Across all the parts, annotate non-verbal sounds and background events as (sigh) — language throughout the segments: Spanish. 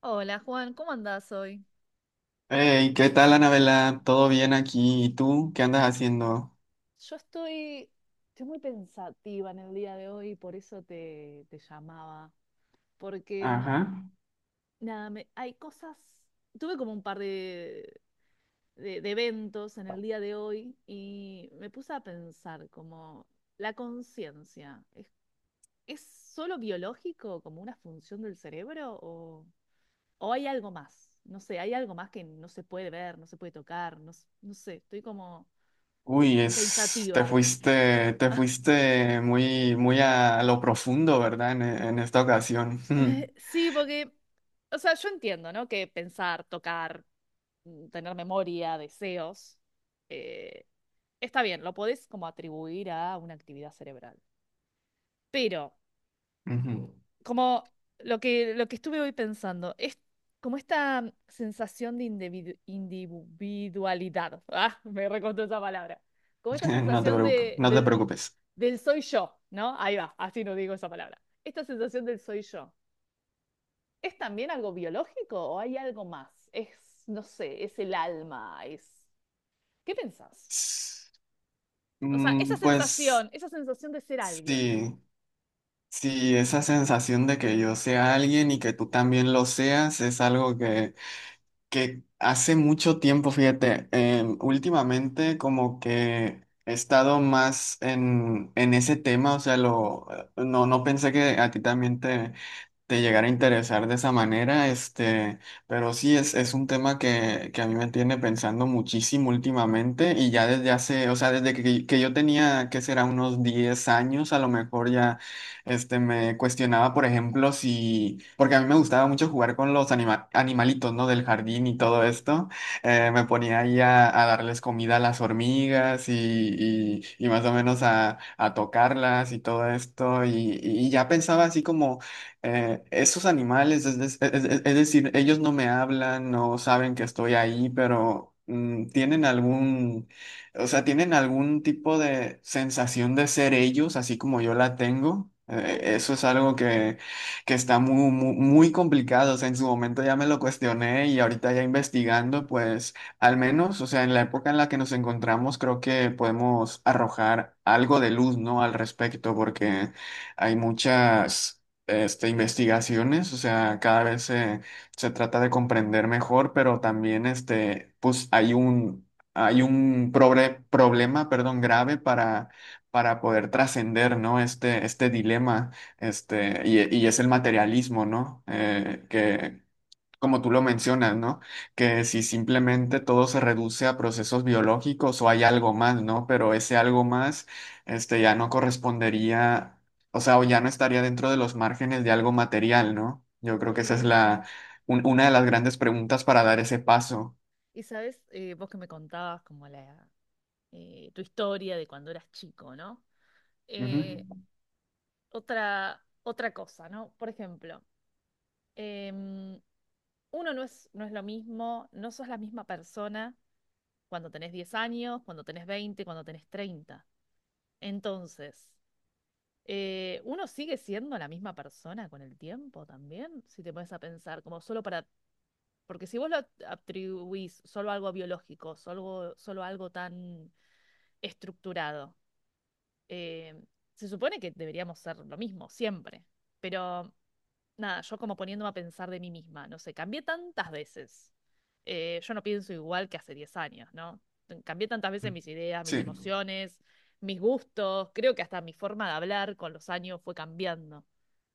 Hola Juan, ¿cómo andás hoy? Hey, ¿qué tal, Anabela? ¿Todo bien aquí? ¿Y tú? ¿Qué andas haciendo? Yo estoy, estoy muy pensativa en el día de hoy, y por eso te llamaba. Porque, Ajá. nada, hay cosas. Tuve como un par de, de eventos en el día de hoy y me puse a pensar como la conciencia, ¿ es solo biológico, como una función del cerebro o hay algo más? No sé, hay algo más que no se puede ver, no se puede tocar, no, no sé, estoy como Uy, es, pensativa. Te (laughs) fuiste muy, muy a lo profundo, ¿verdad? En esta ocasión. Eh, (laughs) Sí, porque, o sea, yo entiendo, ¿no? Que pensar, tocar, tener memoria, deseos, eh, está bien, lo podés como atribuir a una actividad cerebral. Pero, Ujú. como lo que estuve hoy pensando, es como esta sensación de individualidad. (laughs) Ah, me recostó esa palabra. Como esta (laughs) sensación no te del, preocupes. del soy yo, ¿no? Ahí va, así no digo esa palabra. Esta sensación del soy yo. ¿Es también algo biológico o hay algo más? Es, no sé, es el alma, es... ¿Qué pensás? S- O sea, Pues esa sensación de ser alguien. sí, sí, esa sensación de que yo sea alguien y que tú también lo seas es algo que hace mucho tiempo, fíjate, últimamente como que he estado más en ese tema, o sea, lo, no, no pensé que a ti también te llegara a interesar de esa manera, este, pero sí es un tema que a mí me tiene pensando muchísimo últimamente y ya desde hace, o sea, desde que yo tenía, ¿que será? Unos 10 años, a lo mejor ya, este, me cuestionaba, por ejemplo, si, porque a mí me gustaba mucho jugar con los animalitos, ¿no? Del jardín y todo esto, Sí. me ponía ahí a darles comida a las hormigas y más o menos a tocarlas y todo esto y ya pensaba así como esos animales, es, es decir, ellos no me hablan, no saben que estoy ahí, pero tienen algún, o sea, tienen algún tipo de sensación de ser ellos, así como yo la tengo. Uf. Eso es algo que está muy, muy, muy complicado. O sea, en su momento ya me lo cuestioné y ahorita ya investigando, pues al menos, o sea, en la época en la que nos encontramos, creo que podemos arrojar algo de luz, ¿no? Al respecto, porque hay muchas este, investigaciones, o sea, cada vez se, se trata de comprender mejor, pero también este, pues hay un problema, perdón, grave para poder trascender, ¿no? Este dilema, este, y es el materialismo, ¿no? Que, como tú lo mencionas, ¿no? Que si simplemente todo se reduce a procesos biológicos o hay algo más, ¿no? Pero ese algo más, este, ya no correspondería, o sea, o ya no estaría dentro de los márgenes de algo material, ¿no? Yo creo que esa es Y, la, una de las grandes preguntas para dar ese paso. y sabes, vos que me contabas como la, tu historia de cuando eras chico, ¿no? Eh, Ujú. otra, otra cosa, ¿no? Por ejemplo, em, uno no no es lo mismo, no sos la misma persona cuando tenés 10 años, cuando tenés 20, cuando tenés 30. Entonces, uno sigue siendo la misma persona con el tiempo también, si te pones a pensar, como solo para, porque si vos lo atribuís solo a algo biológico, solo, solo a algo tan estructurado, eh, se supone que deberíamos ser lo mismo siempre, pero nada, yo como poniéndome a pensar de mí misma, no sé, cambié tantas veces. Yo no pienso igual que hace 10 años, ¿no? Cambié tantas veces mis ideas, mis Sí. emociones, mis gustos, creo que hasta mi forma de hablar con los años fue cambiando.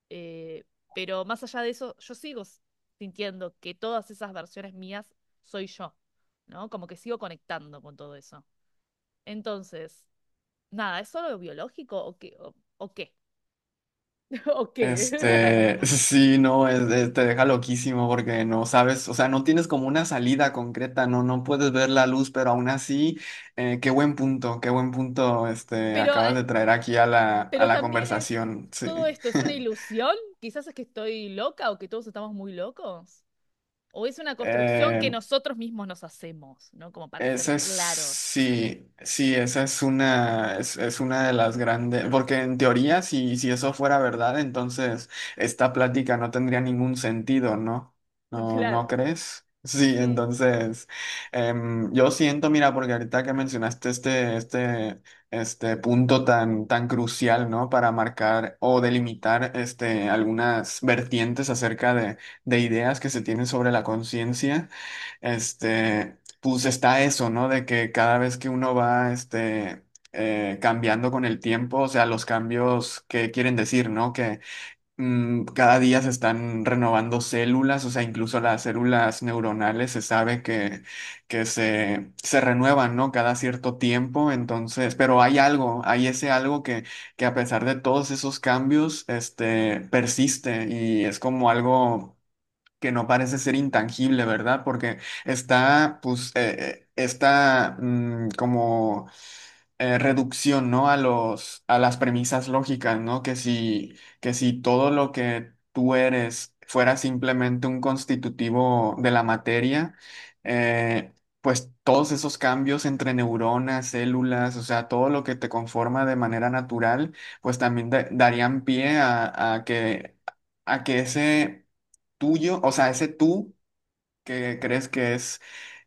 Eh, pero más allá de eso, yo sigo sintiendo que todas esas versiones mías soy yo, ¿no? Como que sigo conectando con todo eso. Entonces, nada, ¿es solo biológico o qué? O qué? (laughs) ¿O qué? Este, (laughs) (laughs) sí, no, te deja loquísimo porque no sabes, o sea, no tienes como una salida concreta, no, no puedes ver la luz, pero aún así, qué buen punto, este, Pero acabas eh, de traer aquí a Pero la también es, conversación, todo sí. esto es una (laughs) ilusión, quizás es que estoy loca o que todos estamos muy locos, o es una construcción que Eh, nosotros mismos nos hacemos, ¿no? Como para ser Esa es, claros. sí, sí, esa es una de las grandes, porque en teoría, si, si eso fuera verdad, entonces esta plática no tendría ningún sentido, ¿no? (laughs) ¿No, Claro. no crees? (laughs) Sí, Sí, entonces, yo siento, mira, porque ahorita que mencionaste este, este, este punto tan, tan crucial, ¿no? Para marcar o delimitar, este, algunas vertientes acerca de ideas que se tienen sobre la conciencia. Este, pues está eso, ¿no? De que cada vez que uno va, este, cambiando con el tiempo, o sea, los cambios que quieren decir, ¿no? Que cada día se están renovando células, o sea, incluso las células neuronales se sabe que se renuevan, ¿no? Cada cierto tiempo, entonces, pero hay algo, hay ese algo que a pesar de todos esos cambios, este, persiste y es como algo que no parece ser intangible, ¿verdad? Porque está, pues, está como reducción, ¿no? A los, a las premisas lógicas, ¿no? Que si todo lo que tú eres fuera simplemente un constitutivo de la materia, eh, pues todos esos cambios entre neuronas, células, o sea, todo lo que te conforma de manera natural, pues también darían pie a que ese tuyo, o sea, ese tú que crees que es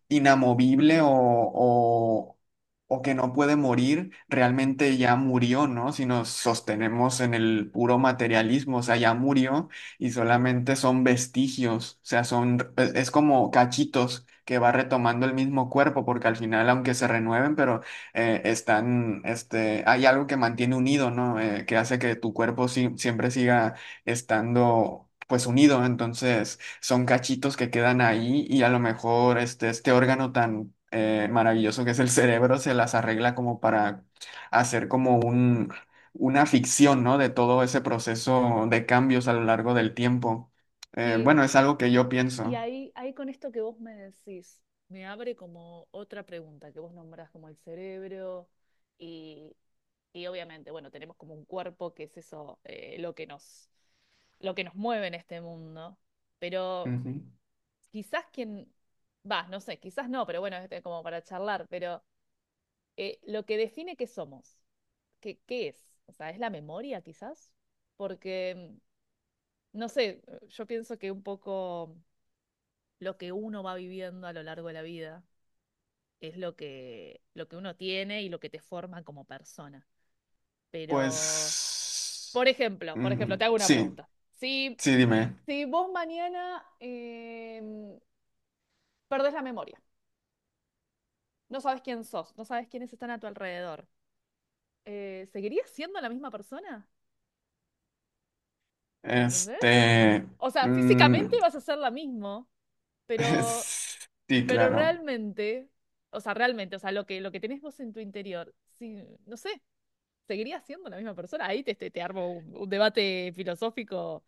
inamovible o que no puede morir, realmente ya murió, ¿no? Si nos sostenemos en el puro materialismo, o sea, ya murió y solamente son vestigios, o sea, son, es como cachitos que va retomando el mismo cuerpo, porque al final, aunque se renueven, pero están, este, hay algo que mantiene unido, ¿no? Que hace que tu cuerpo siempre siga estando, pues, unido, entonces son cachitos que quedan ahí y a lo mejor este, este órgano tan maravilloso que es el cerebro se las arregla como para hacer como un, una ficción, ¿no? De todo ese proceso de cambios a lo largo del tiempo. Sí. Bueno, es algo que yo Y pienso. ahí, ahí con esto que vos me decís, me abre como otra pregunta que vos nombrás como el cerebro y, y obviamente, bueno, tenemos como un cuerpo que es eso, lo que nos mueve en este mundo, pero Ujú. quizás quien, va, no sé, quizás no, pero bueno, este, como para charlar, pero lo que define qué somos, qué, qué es, o sea, es la memoria quizás, porque, no sé, yo pienso que un poco lo que uno va viviendo a lo largo de la vida es lo que uno tiene y lo que te forma como persona. Pero, Pues por ejemplo, te hago una sí, pregunta. Si, sí, dime. si vos mañana perdés la memoria, no sabes quién sos, no sabes quiénes están a tu alrededor, ¿seguirías siendo la misma persona? ¿Entendés? Este, O sea, físicamente mm, vas a ser la misma, (laughs) pero, sí, pero claro, realmente, o sea, lo que tenés vos en tu interior, sí, no sé, ¿seguirías siendo la misma persona? Ahí te, te, te armo un debate filosófico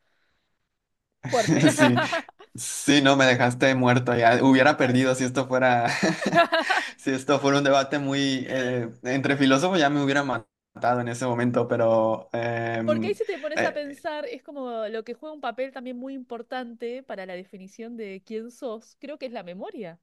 fuerte. (laughs) sí. (laughs) Sí, no, me dejaste muerto ya. Hubiera perdido si esto fuera, (laughs) si esto fuera un debate muy entre filósofos ya me hubiera matado en ese momento, pero Porque ahí si te pones a eh, pensar, es como lo que juega un papel también muy importante para la definición de quién sos, creo que es la memoria.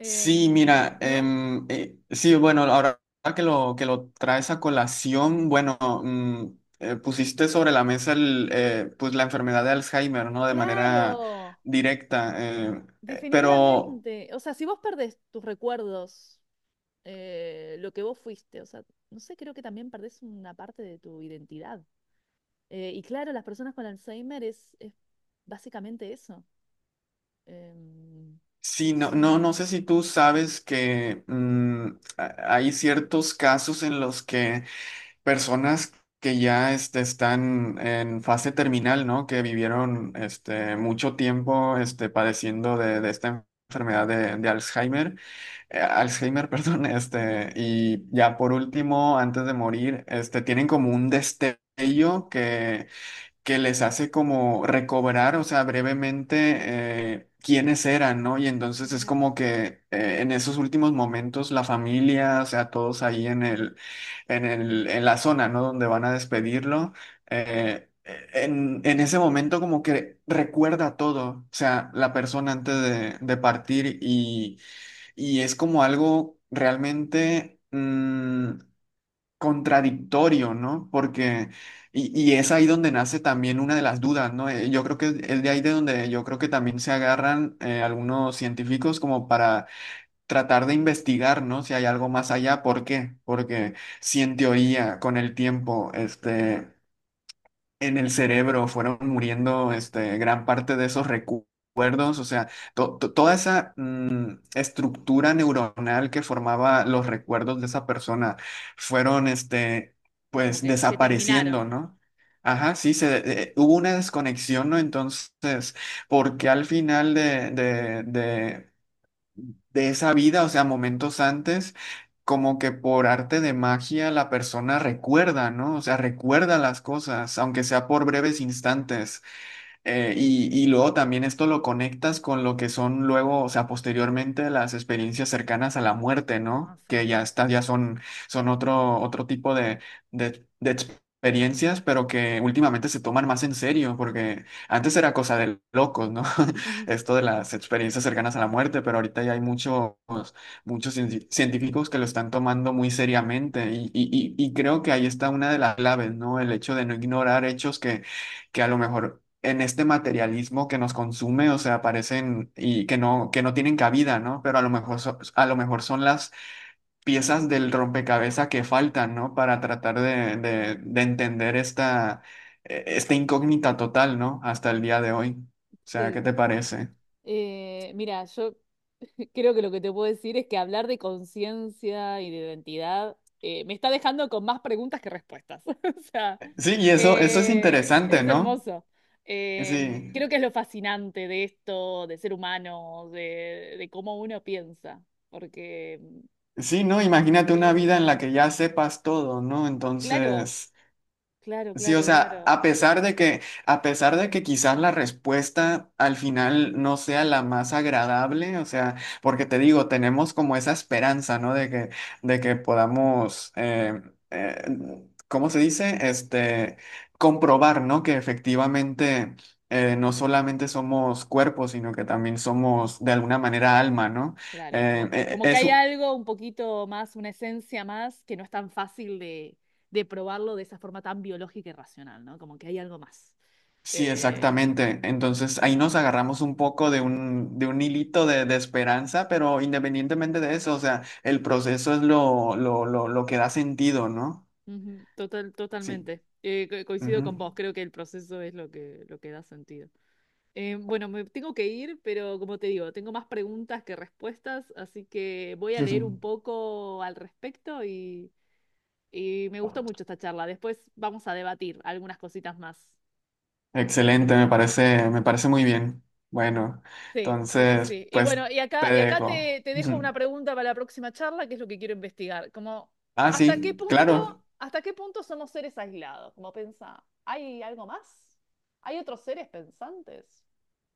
sí, mira, ¿no? em, sí, bueno, ahora que lo traes a colación, bueno, pusiste sobre la mesa el, pues la enfermedad de Alzheimer, ¿no? De manera Claro. directa, pero Definitivamente. O sea, si vos perdés tus recuerdos, lo que vos fuiste, o sea, no sé, creo que también perdés una parte de tu identidad. Y claro, las personas con Alzheimer es básicamente eso. Em, sí, no, no, sí. no sé si tú sabes que hay ciertos casos en los que personas que ya este, están en fase terminal, ¿no? Que vivieron este, mucho tiempo este, padeciendo de esta enfermedad de Alzheimer, Alzheimer, (laughs) perdón, Ujú. este, y ya por último, antes de morir, este, tienen como un destello que les hace como recobrar, o sea, brevemente quiénes eran, ¿no? Y entonces es Mira, como que en esos últimos momentos la familia, o sea, todos ahí en el, en el, en la zona, ¿no? Donde van a despedirlo, eh, en ese momento como que recuerda todo, o sea, la persona antes de partir y es como algo realmente... mm, contradictorio, ¿no? Porque, y es ahí donde nace también una de las dudas, ¿no? Yo creo que es de ahí de donde yo creo que también se agarran algunos científicos como para tratar de investigar, ¿no? Si hay algo más allá, ¿por qué? Porque si en teoría con el tiempo, este, en el cerebro fueron muriendo este, gran parte de esos recuerdos, o sea, toda esa estructura neuronal que formaba los recuerdos de esa persona fueron, este, sí, como pues, que terminaron. desapareciendo, ¿no? Ajá, sí, se, hubo una desconexión, ¿no? Entonces, porque al final de, de esa vida, o sea, momentos antes, como que por arte de magia la persona recuerda, ¿no? O sea, recuerda las cosas, aunque sea por breves instantes. Y luego también esto lo conectas con lo que son luego, o sea, posteriormente las experiencias cercanas a la muerte, No, ¿no? Que sí. ya está, ya son, son otro, otro tipo de experiencias, pero que últimamente se toman más en serio, porque antes era cosa de locos, ¿no? (laughs) Ujú. Esto de las experiencias cercanas a la muerte, pero ahorita ya hay muchos, muchos científicos que lo están tomando muy seriamente y, y creo que ahí está una de las claves, ¿no? El hecho de no ignorar hechos que a lo mejor en este materialismo que nos consume, o sea, aparecen y que no tienen cabida, ¿no? Pero a lo mejor, a lo mejor son las piezas del rompecabezas que faltan, ¿no? Para tratar de entender esta, esta incógnita total, ¿no? Hasta el día de hoy. O sea, ¿qué Sí. te parece? Mira, yo (laughs) creo que lo que te puedo decir es que hablar de conciencia y de identidad me está dejando con más preguntas que respuestas. (laughs) O sea, Sí, y eso es interesante, es ¿no? hermoso. Sí. Creo que es lo fascinante de esto, de ser humano, de cómo uno piensa. Porque, Sí, ¿no? Imagínate una eh, vida en la que ya sepas todo, ¿no? claro, Entonces, claro, sí, o claro, sea, claro. a pesar de que, a pesar de que quizás la respuesta al final no sea la más agradable, o sea, porque te digo, tenemos como esa esperanza, ¿no? De que podamos, eh, ¿cómo se dice? Este, comprobar, ¿no? Que efectivamente no solamente somos cuerpos, sino que también somos de alguna manera alma, ¿no? Claro, como, como que Es, hay algo un poquito más, una esencia más, que no es tan fácil de probarlo de esa forma tan biológica y racional, ¿no? Como que hay algo más. sí, Eh, exactamente. Entonces ahí nos agarramos un poco de un hilito de esperanza, pero independientemente de eso, o sea, el proceso es lo que da sentido, ¿no? ujú, total, Sí. totalmente. Coincido Ujú. con vos, creo que el proceso es lo que da sentido. Bueno, me tengo que ir, pero como te digo, tengo más preguntas que respuestas, así que voy a leer un (laughs) poco al respecto y me gustó mucho esta charla. Después vamos a debatir algunas cositas más. Excelente, me parece muy bien. Bueno, Sí, sí, sí, entonces, sí. Y pues bueno, te y acá dejo. te, te (laughs) dejo Ujú. una pregunta para la próxima charla, que es lo que quiero investigar. Como, Ah, ¿hasta qué sí, punto, claro. hasta qué punto somos seres aislados? Como pensa, ¿hay algo más? ¿Hay otros seres pensantes?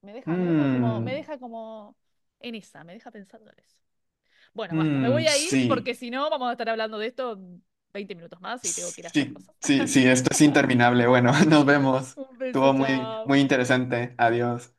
Me Mm, deja como en esa, me deja pensando en eso. Bueno, basta, me voy a ir porque sí. si no vamos a estar hablando de esto 20 minutos más y tengo que ir a hacer Sí, cosas. sí, (laughs) sí, esto es interminable. Bueno, (laughs) nos vemos. Un beso, Estuvo muy, chao. muy interesante. Adiós.